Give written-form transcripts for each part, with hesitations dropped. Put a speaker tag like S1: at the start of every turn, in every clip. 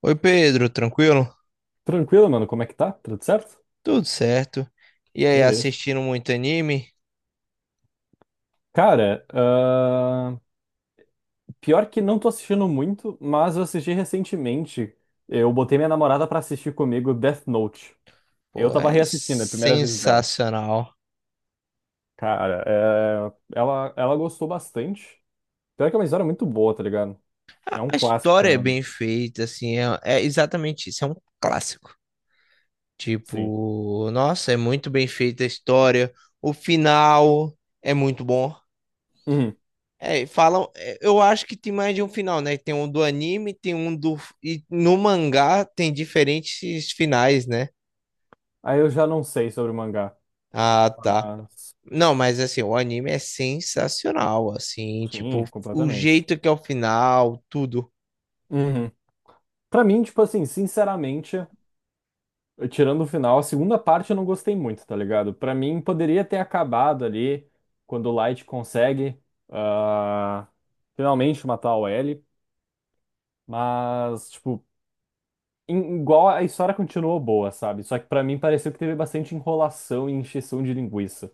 S1: Oi, Pedro, tranquilo?
S2: Tranquilo, mano, como é que tá? Tudo certo?
S1: Tudo certo. E aí,
S2: Beleza.
S1: assistindo muito anime?
S2: Cara, pior que não tô assistindo muito, mas eu assisti recentemente. Eu botei minha namorada pra assistir comigo Death Note. Eu
S1: Pô,
S2: tava
S1: é
S2: reassistindo, é a primeira vez dela.
S1: sensacional.
S2: Cara, ela gostou bastante. Pior que é uma história muito boa, tá ligado? É
S1: A
S2: um
S1: a
S2: clássico,
S1: história é
S2: querendo ou não.
S1: bem feita, assim, é exatamente isso, é um clássico.
S2: Sim.
S1: Tipo, nossa, é muito bem feita a história. O final é muito bom.
S2: Uhum.
S1: Falam, eu acho que tem mais de um final, né? Tem um do anime, tem um do. E no mangá tem diferentes finais, né?
S2: Aí eu já não sei sobre o mangá,
S1: Ah, tá.
S2: mas
S1: Não, mas assim, o anime é sensacional, assim, tipo,
S2: sim,
S1: o
S2: completamente.
S1: jeito que é o final, tudo.
S2: Uhum. Pra mim, tipo assim, sinceramente. Tirando o final, a segunda parte eu não gostei muito, tá ligado? Pra mim, poderia ter acabado ali quando o Light consegue ah, finalmente matar o L, mas, tipo, igual a história continuou boa, sabe? Só que pra mim pareceu que teve bastante enrolação e encheção de linguiça.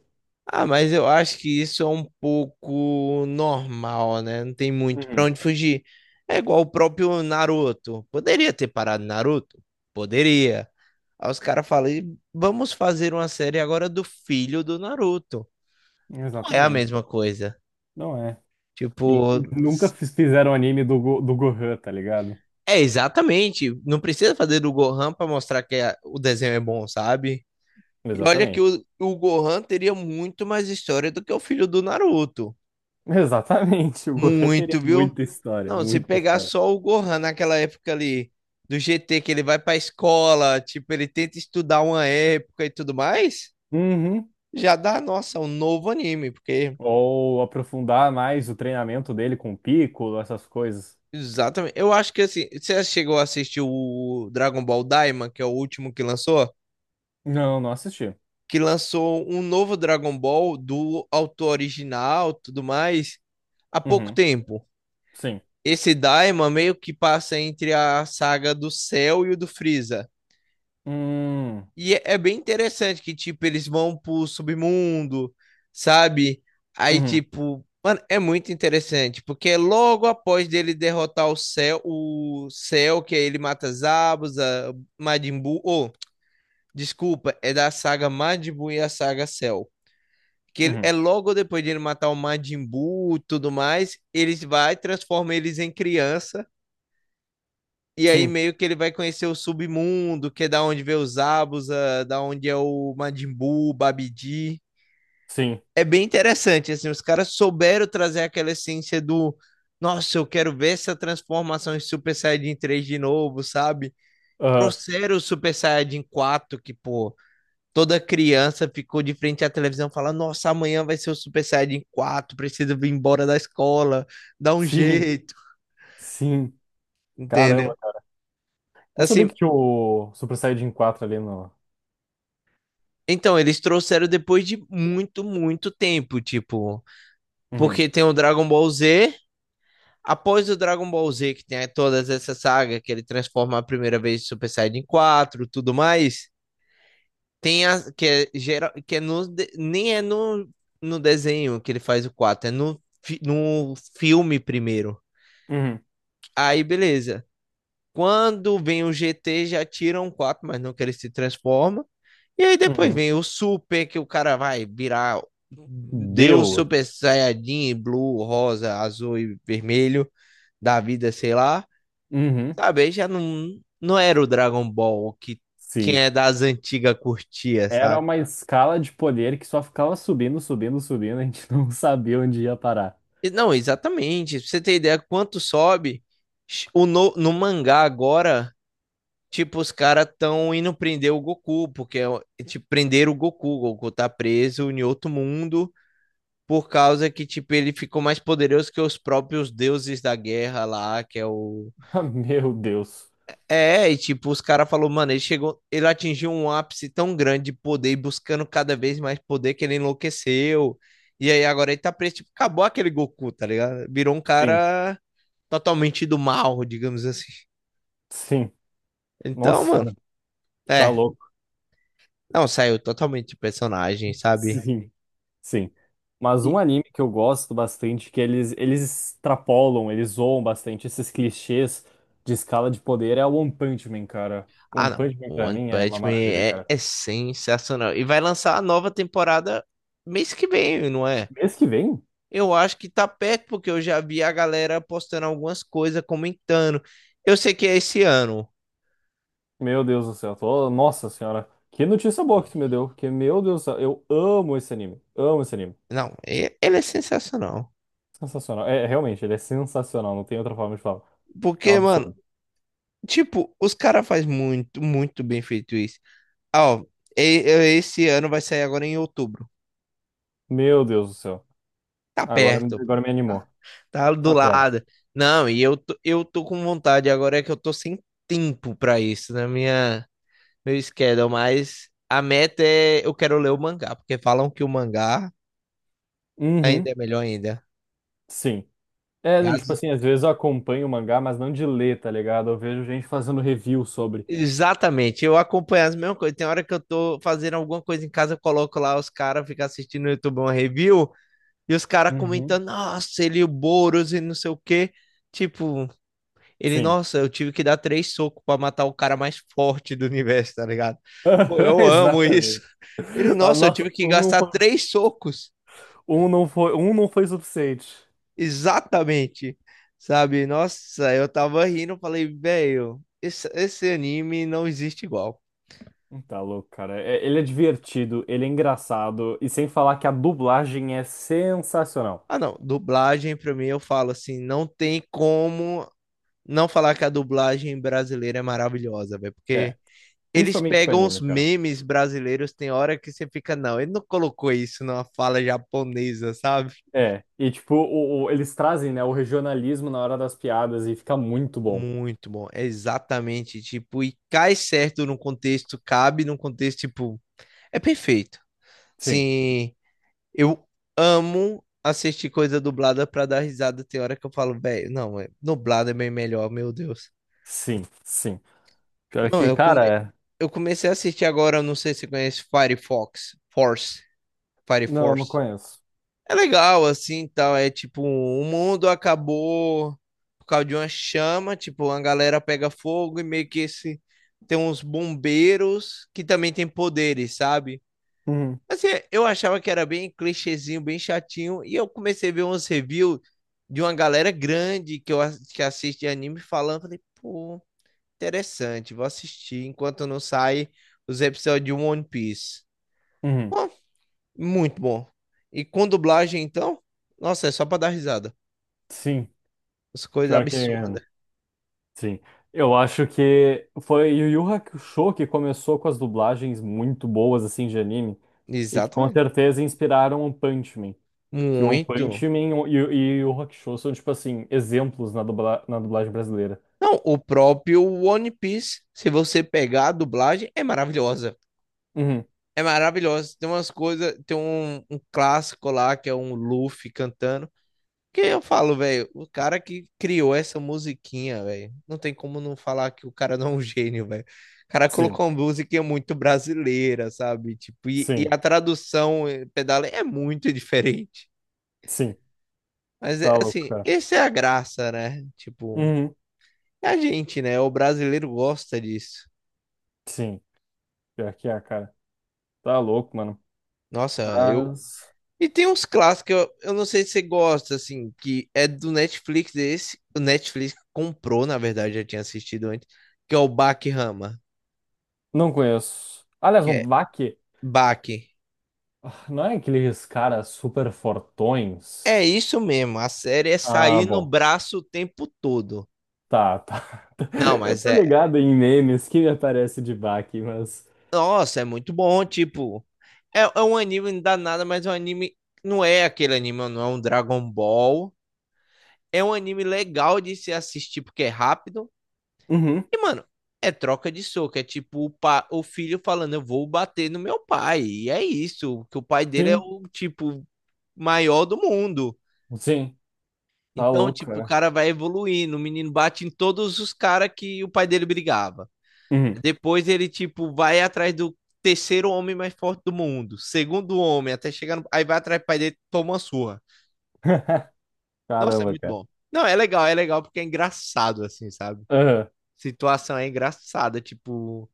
S1: Ah, mas eu acho que isso é um pouco normal, né? Não tem muito pra
S2: Uhum.
S1: onde fugir. É igual o próprio Naruto. Poderia ter parado Naruto? Poderia. Aí os caras falam, "E vamos fazer uma série agora do filho do Naruto." Não é a
S2: Exatamente.
S1: mesma coisa.
S2: Não é. E-
S1: Tipo,
S2: Nunca fizeram anime do Gohan, tá ligado?
S1: é exatamente. Não precisa fazer do Gohan pra mostrar que o desenho é bom, sabe? E olha que
S2: Exatamente.
S1: o Gohan teria muito mais história do que o filho do Naruto.
S2: Exatamente, o Gohan teria
S1: Muito, viu?
S2: muita história,
S1: Não, se
S2: muita
S1: pegar
S2: história.
S1: só o Gohan naquela época ali do GT, que ele vai pra escola, tipo, ele tenta estudar uma época e tudo mais,
S2: Uhum.
S1: já dá, nossa, um novo anime, porque.
S2: Ou aprofundar mais o treinamento dele com o Piccolo, essas coisas.
S1: Exatamente. Eu acho que assim, você chegou a assistir o Dragon Ball Daima, que é o último que lançou?
S2: Não, não assisti.
S1: Que lançou um novo Dragon Ball do autor original, tudo mais, há pouco
S2: Uhum,
S1: tempo.
S2: sim.
S1: Esse Daima meio que passa entre a saga do Cell e o do Freeza.
S2: Hum,
S1: E é bem interessante que, tipo, eles vão pro submundo, sabe? Aí,
S2: uhum,
S1: tipo, mano, é muito interessante, porque é logo após dele derrotar o Cell, que aí ele mata Zabuza, Majin Buu, oh, desculpa, é da saga Majin Buu e a saga Cell. Que
S2: uhum.
S1: é logo depois de ele matar o Majin Buu e tudo mais, eles vai transforma eles em criança. E aí
S2: Sim,
S1: meio que ele vai conhecer o submundo, que é da onde vê os Abusa, da onde é o Majin Buu, o Babidi.
S2: sim.
S1: É bem interessante, assim, os caras souberam trazer aquela essência do, nossa, eu quero ver essa transformação em Super Saiyajin 3 de novo, sabe?
S2: Aham,
S1: Trouxeram o Super Saiyajin 4 que, pô, toda criança ficou de frente à televisão falando, nossa, amanhã vai ser o Super Saiyajin quatro, preciso vir embora da escola, dá um
S2: sim,
S1: jeito,
S2: sim.
S1: entendeu?
S2: Caramba. Não sabia que
S1: Assim,
S2: tinha o Super Saiyajin 4 ali no.
S1: então, eles trouxeram depois de muito, muito tempo, tipo,
S2: Uhum,
S1: porque tem o Dragon Ball Z, após o Dragon Ball Z, que tem todas essas sagas, que ele transforma a primeira vez Super Saiyajin 4, tudo mais, tem a, que é, geral, que é no, nem é no, no desenho que ele faz o 4, é no, no filme primeiro.
S2: uhum,
S1: Aí, beleza. Quando vem o GT, já tiram quatro, mas não que ele se transforma. E aí depois
S2: uhum.
S1: vem o Super, que o cara vai virar Deus
S2: Deus.
S1: Super Saiyajin, Blue, Rosa, Azul e Vermelho da vida, sei lá.
S2: Uhum,
S1: Sabe, aí já não, não era o Dragon Ball que quem
S2: sim.
S1: é das antigas curtia,
S2: Era
S1: sabe?
S2: uma escala de poder que só ficava subindo, subindo, subindo. A gente não sabia onde ia parar.
S1: Não, exatamente. Pra você ter ideia, quanto sobe, o no, no mangá agora. Tipo, os caras tão indo prender o Goku, porque é, tipo, prenderam o Goku. O Goku tá preso em outro mundo por causa que, tipo, ele ficou mais poderoso que os próprios deuses da guerra lá, que é o.
S2: Ah, meu Deus.
S1: É, e tipo, os caras falaram, mano, ele chegou, ele atingiu um ápice tão grande de poder, buscando cada vez mais poder que ele enlouqueceu. E aí agora ele tá preso, tipo, acabou aquele Goku, tá ligado? Virou um
S2: Sim,
S1: cara totalmente do mal, digamos assim.
S2: sim.
S1: Então,
S2: Nossa
S1: mano,
S2: senhora. Tá
S1: é,
S2: louco.
S1: não, saiu totalmente de personagem, sabe?
S2: Sim, sim. Mas um
S1: E-
S2: anime que eu gosto bastante, que eles extrapolam, eles zoam bastante esses clichês de escala de poder, é o One Punch Man, cara. One
S1: não.
S2: Punch Man
S1: O
S2: pra
S1: One
S2: mim é uma
S1: Punch Man
S2: maravilha,
S1: é,
S2: cara.
S1: é sensacional. E vai lançar a nova temporada mês que vem, não é?
S2: Mês que vem?
S1: Eu acho que tá perto, porque eu já vi a galera postando algumas coisas, comentando. Eu sei que é esse ano.
S2: Meu Deus do céu, Nossa senhora, que notícia boa que tu me deu, porque, meu Deus do céu, eu amo esse anime, amo esse anime.
S1: Não, ele é sensacional.
S2: Sensacional. É, realmente, ele é sensacional, não tem outra forma de falar. É um
S1: Porque, mano,
S2: absurdo.
S1: tipo, os caras fazem muito, muito bem feito isso. Ah, ó, esse ano vai sair agora em outubro.
S2: Meu Deus do céu.
S1: Tá
S2: Agora,
S1: perto, pô.
S2: agora me
S1: Tá,
S2: animou.
S1: tá do
S2: Tá perto.
S1: lado. Não, e eu, eu tô com vontade, agora é que eu tô sem tempo pra isso na minha, meu schedule, mas a meta é eu quero ler o mangá, porque falam que o mangá
S2: Uhum,
S1: ainda é melhor ainda.
S2: sim. É,
S1: Que
S2: tipo
S1: as-
S2: assim, às vezes eu acompanho o mangá, mas não de ler, tá ligado? Eu vejo gente fazendo review sobre.
S1: Exatamente, eu acompanho as mesmas coisas. Tem hora que eu tô fazendo alguma coisa em casa, eu coloco lá os caras, ficam assistindo no YouTube uma review, e os caras
S2: Uhum.
S1: comentando, nossa, ele, e o Boros e não sei o quê. Tipo, ele,
S2: Sim.
S1: nossa, eu tive que dar três socos pra matar o cara mais forte do universo, tá ligado? Pô, eu amo isso.
S2: Exatamente.
S1: Ele,
S2: Ah,
S1: nossa, eu
S2: nossa,
S1: tive que
S2: um não
S1: gastar
S2: foi,
S1: três socos.
S2: um não foi, um não foi suficiente.
S1: Exatamente. Sabe? Nossa, eu tava rindo, falei, velho, esse anime não existe igual.
S2: Tá louco, cara. Ele é divertido, ele é engraçado, e sem falar que a dublagem é sensacional.
S1: Ah, não, dublagem pra mim eu falo assim, não tem como não falar que a dublagem brasileira é maravilhosa, velho,
S2: É,
S1: porque eles
S2: principalmente pra
S1: pegam os
S2: anime, cara.
S1: memes brasileiros, tem hora que você fica, não, ele não colocou isso numa fala japonesa, sabe?
S2: É, e tipo, eles trazem, né, o regionalismo na hora das piadas e fica muito bom.
S1: Muito bom, é exatamente, tipo, e cai certo no contexto, cabe num contexto, tipo, é perfeito.
S2: Sim,
S1: Sim, eu amo assistir coisa dublada pra dar risada, tem hora que eu falo, velho, não, dublado é bem melhor, meu Deus.
S2: sim, sim. Pior
S1: Não,
S2: que,
S1: eu, come...
S2: cara,
S1: eu comecei a assistir agora, eu não sei se você conhece Firefox, Force, Fire
S2: não, não
S1: Force.
S2: conheço.
S1: É legal, assim, tal. É tipo, o mundo acabou por causa de uma chama, tipo, a galera pega fogo e meio que esse tem uns bombeiros que também tem poderes, sabe?
S2: Uhum,
S1: Assim, eu achava que era bem clichêzinho, bem chatinho, e eu comecei a ver uns reviews de uma galera grande que eu que assiste anime falando, falei, pô, interessante, vou assistir enquanto não sai os episódios de One Piece.
S2: uhum.
S1: Muito bom. E com dublagem, então? Nossa, é só pra dar risada.
S2: Sim,
S1: As coisas
S2: pior que
S1: absurdas.
S2: sim. Eu acho que foi Yu Yu Hakusho que começou com as dublagens muito boas assim de anime e que com
S1: Exatamente.
S2: certeza inspiraram One Punch Man. Que One
S1: Muito.
S2: Punch Man e Yu Yu Hakusho são tipo assim exemplos na, na dublagem brasileira.
S1: Não, o próprio One Piece, se você pegar a dublagem, é maravilhosa.
S2: Uhum.
S1: É maravilhosa. Tem umas coisas, tem um clássico lá que é um Luffy cantando. Que eu falo, velho, o cara que criou essa musiquinha, velho, não tem como não falar que o cara não é um gênio, velho. O cara
S2: Sim,
S1: colocou uma musiquinha muito brasileira, sabe? Tipo, e
S2: sim,
S1: a tradução pedala é muito diferente.
S2: sim.
S1: Mas, é,
S2: Tá louco,
S1: assim,
S2: cara.
S1: essa é a graça, né? Tipo,
S2: Uhum.
S1: é a gente, né? O brasileiro gosta disso.
S2: Sim, pior que é, cara. Tá louco, mano.
S1: Nossa, eu.
S2: Mas.
S1: E tem uns clássicos, eu não sei se você gosta, assim, que é do Netflix esse. O Netflix comprou, na verdade, já tinha assistido antes, que é o Bach Rama,
S2: Não conheço. Aliás, não, vá que
S1: Baque.
S2: ah, não é aqueles caras super fortões?
S1: É isso mesmo, a série é
S2: Ah,
S1: sair no
S2: bom.
S1: braço o tempo todo.
S2: Tá, tá.
S1: Não,
S2: Eu
S1: mas
S2: tô
S1: é.
S2: ligado em memes que me aparece de baque, mas.
S1: Nossa, é muito bom, tipo. É um anime danado, mas é um anime. Não é aquele anime, não é um Dragon Ball. É um anime legal de se assistir porque é rápido.
S2: Uhum.
S1: E, mano, é troca de soco. É tipo o, pa... o filho falando: eu vou bater no meu pai. E é isso, que o pai dele é
S2: Sim,
S1: o tipo maior do mundo.
S2: sim, tá
S1: Então,
S2: louco,
S1: tipo, o
S2: né?
S1: cara vai evoluindo. O menino bate em todos os caras que o pai dele brigava.
S2: Uhum.
S1: Depois ele, tipo, vai atrás do terceiro homem mais forte do mundo. Segundo homem, até chegar no... Aí vai atrás do pai dele, toma uma surra. Nossa, é
S2: Caramba,
S1: muito
S2: cara.
S1: bom. Não, é legal porque é engraçado, assim, sabe?
S2: Aham.
S1: Situação é engraçada, tipo,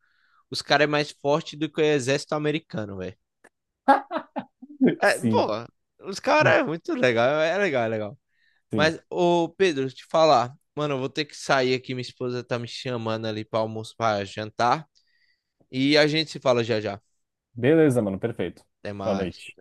S1: os caras é mais forte do que o exército americano, velho. É, pô,
S2: Sim,
S1: os caras é muito legal, é legal, é legal.
S2: sim.
S1: Mas, ô Pedro, te falar, mano, eu vou ter que sair aqui, minha esposa tá me chamando ali pra almoço, pra jantar, e a gente se fala já já.
S2: Beleza, mano, perfeito.
S1: Até
S2: Boa
S1: mais.
S2: noite.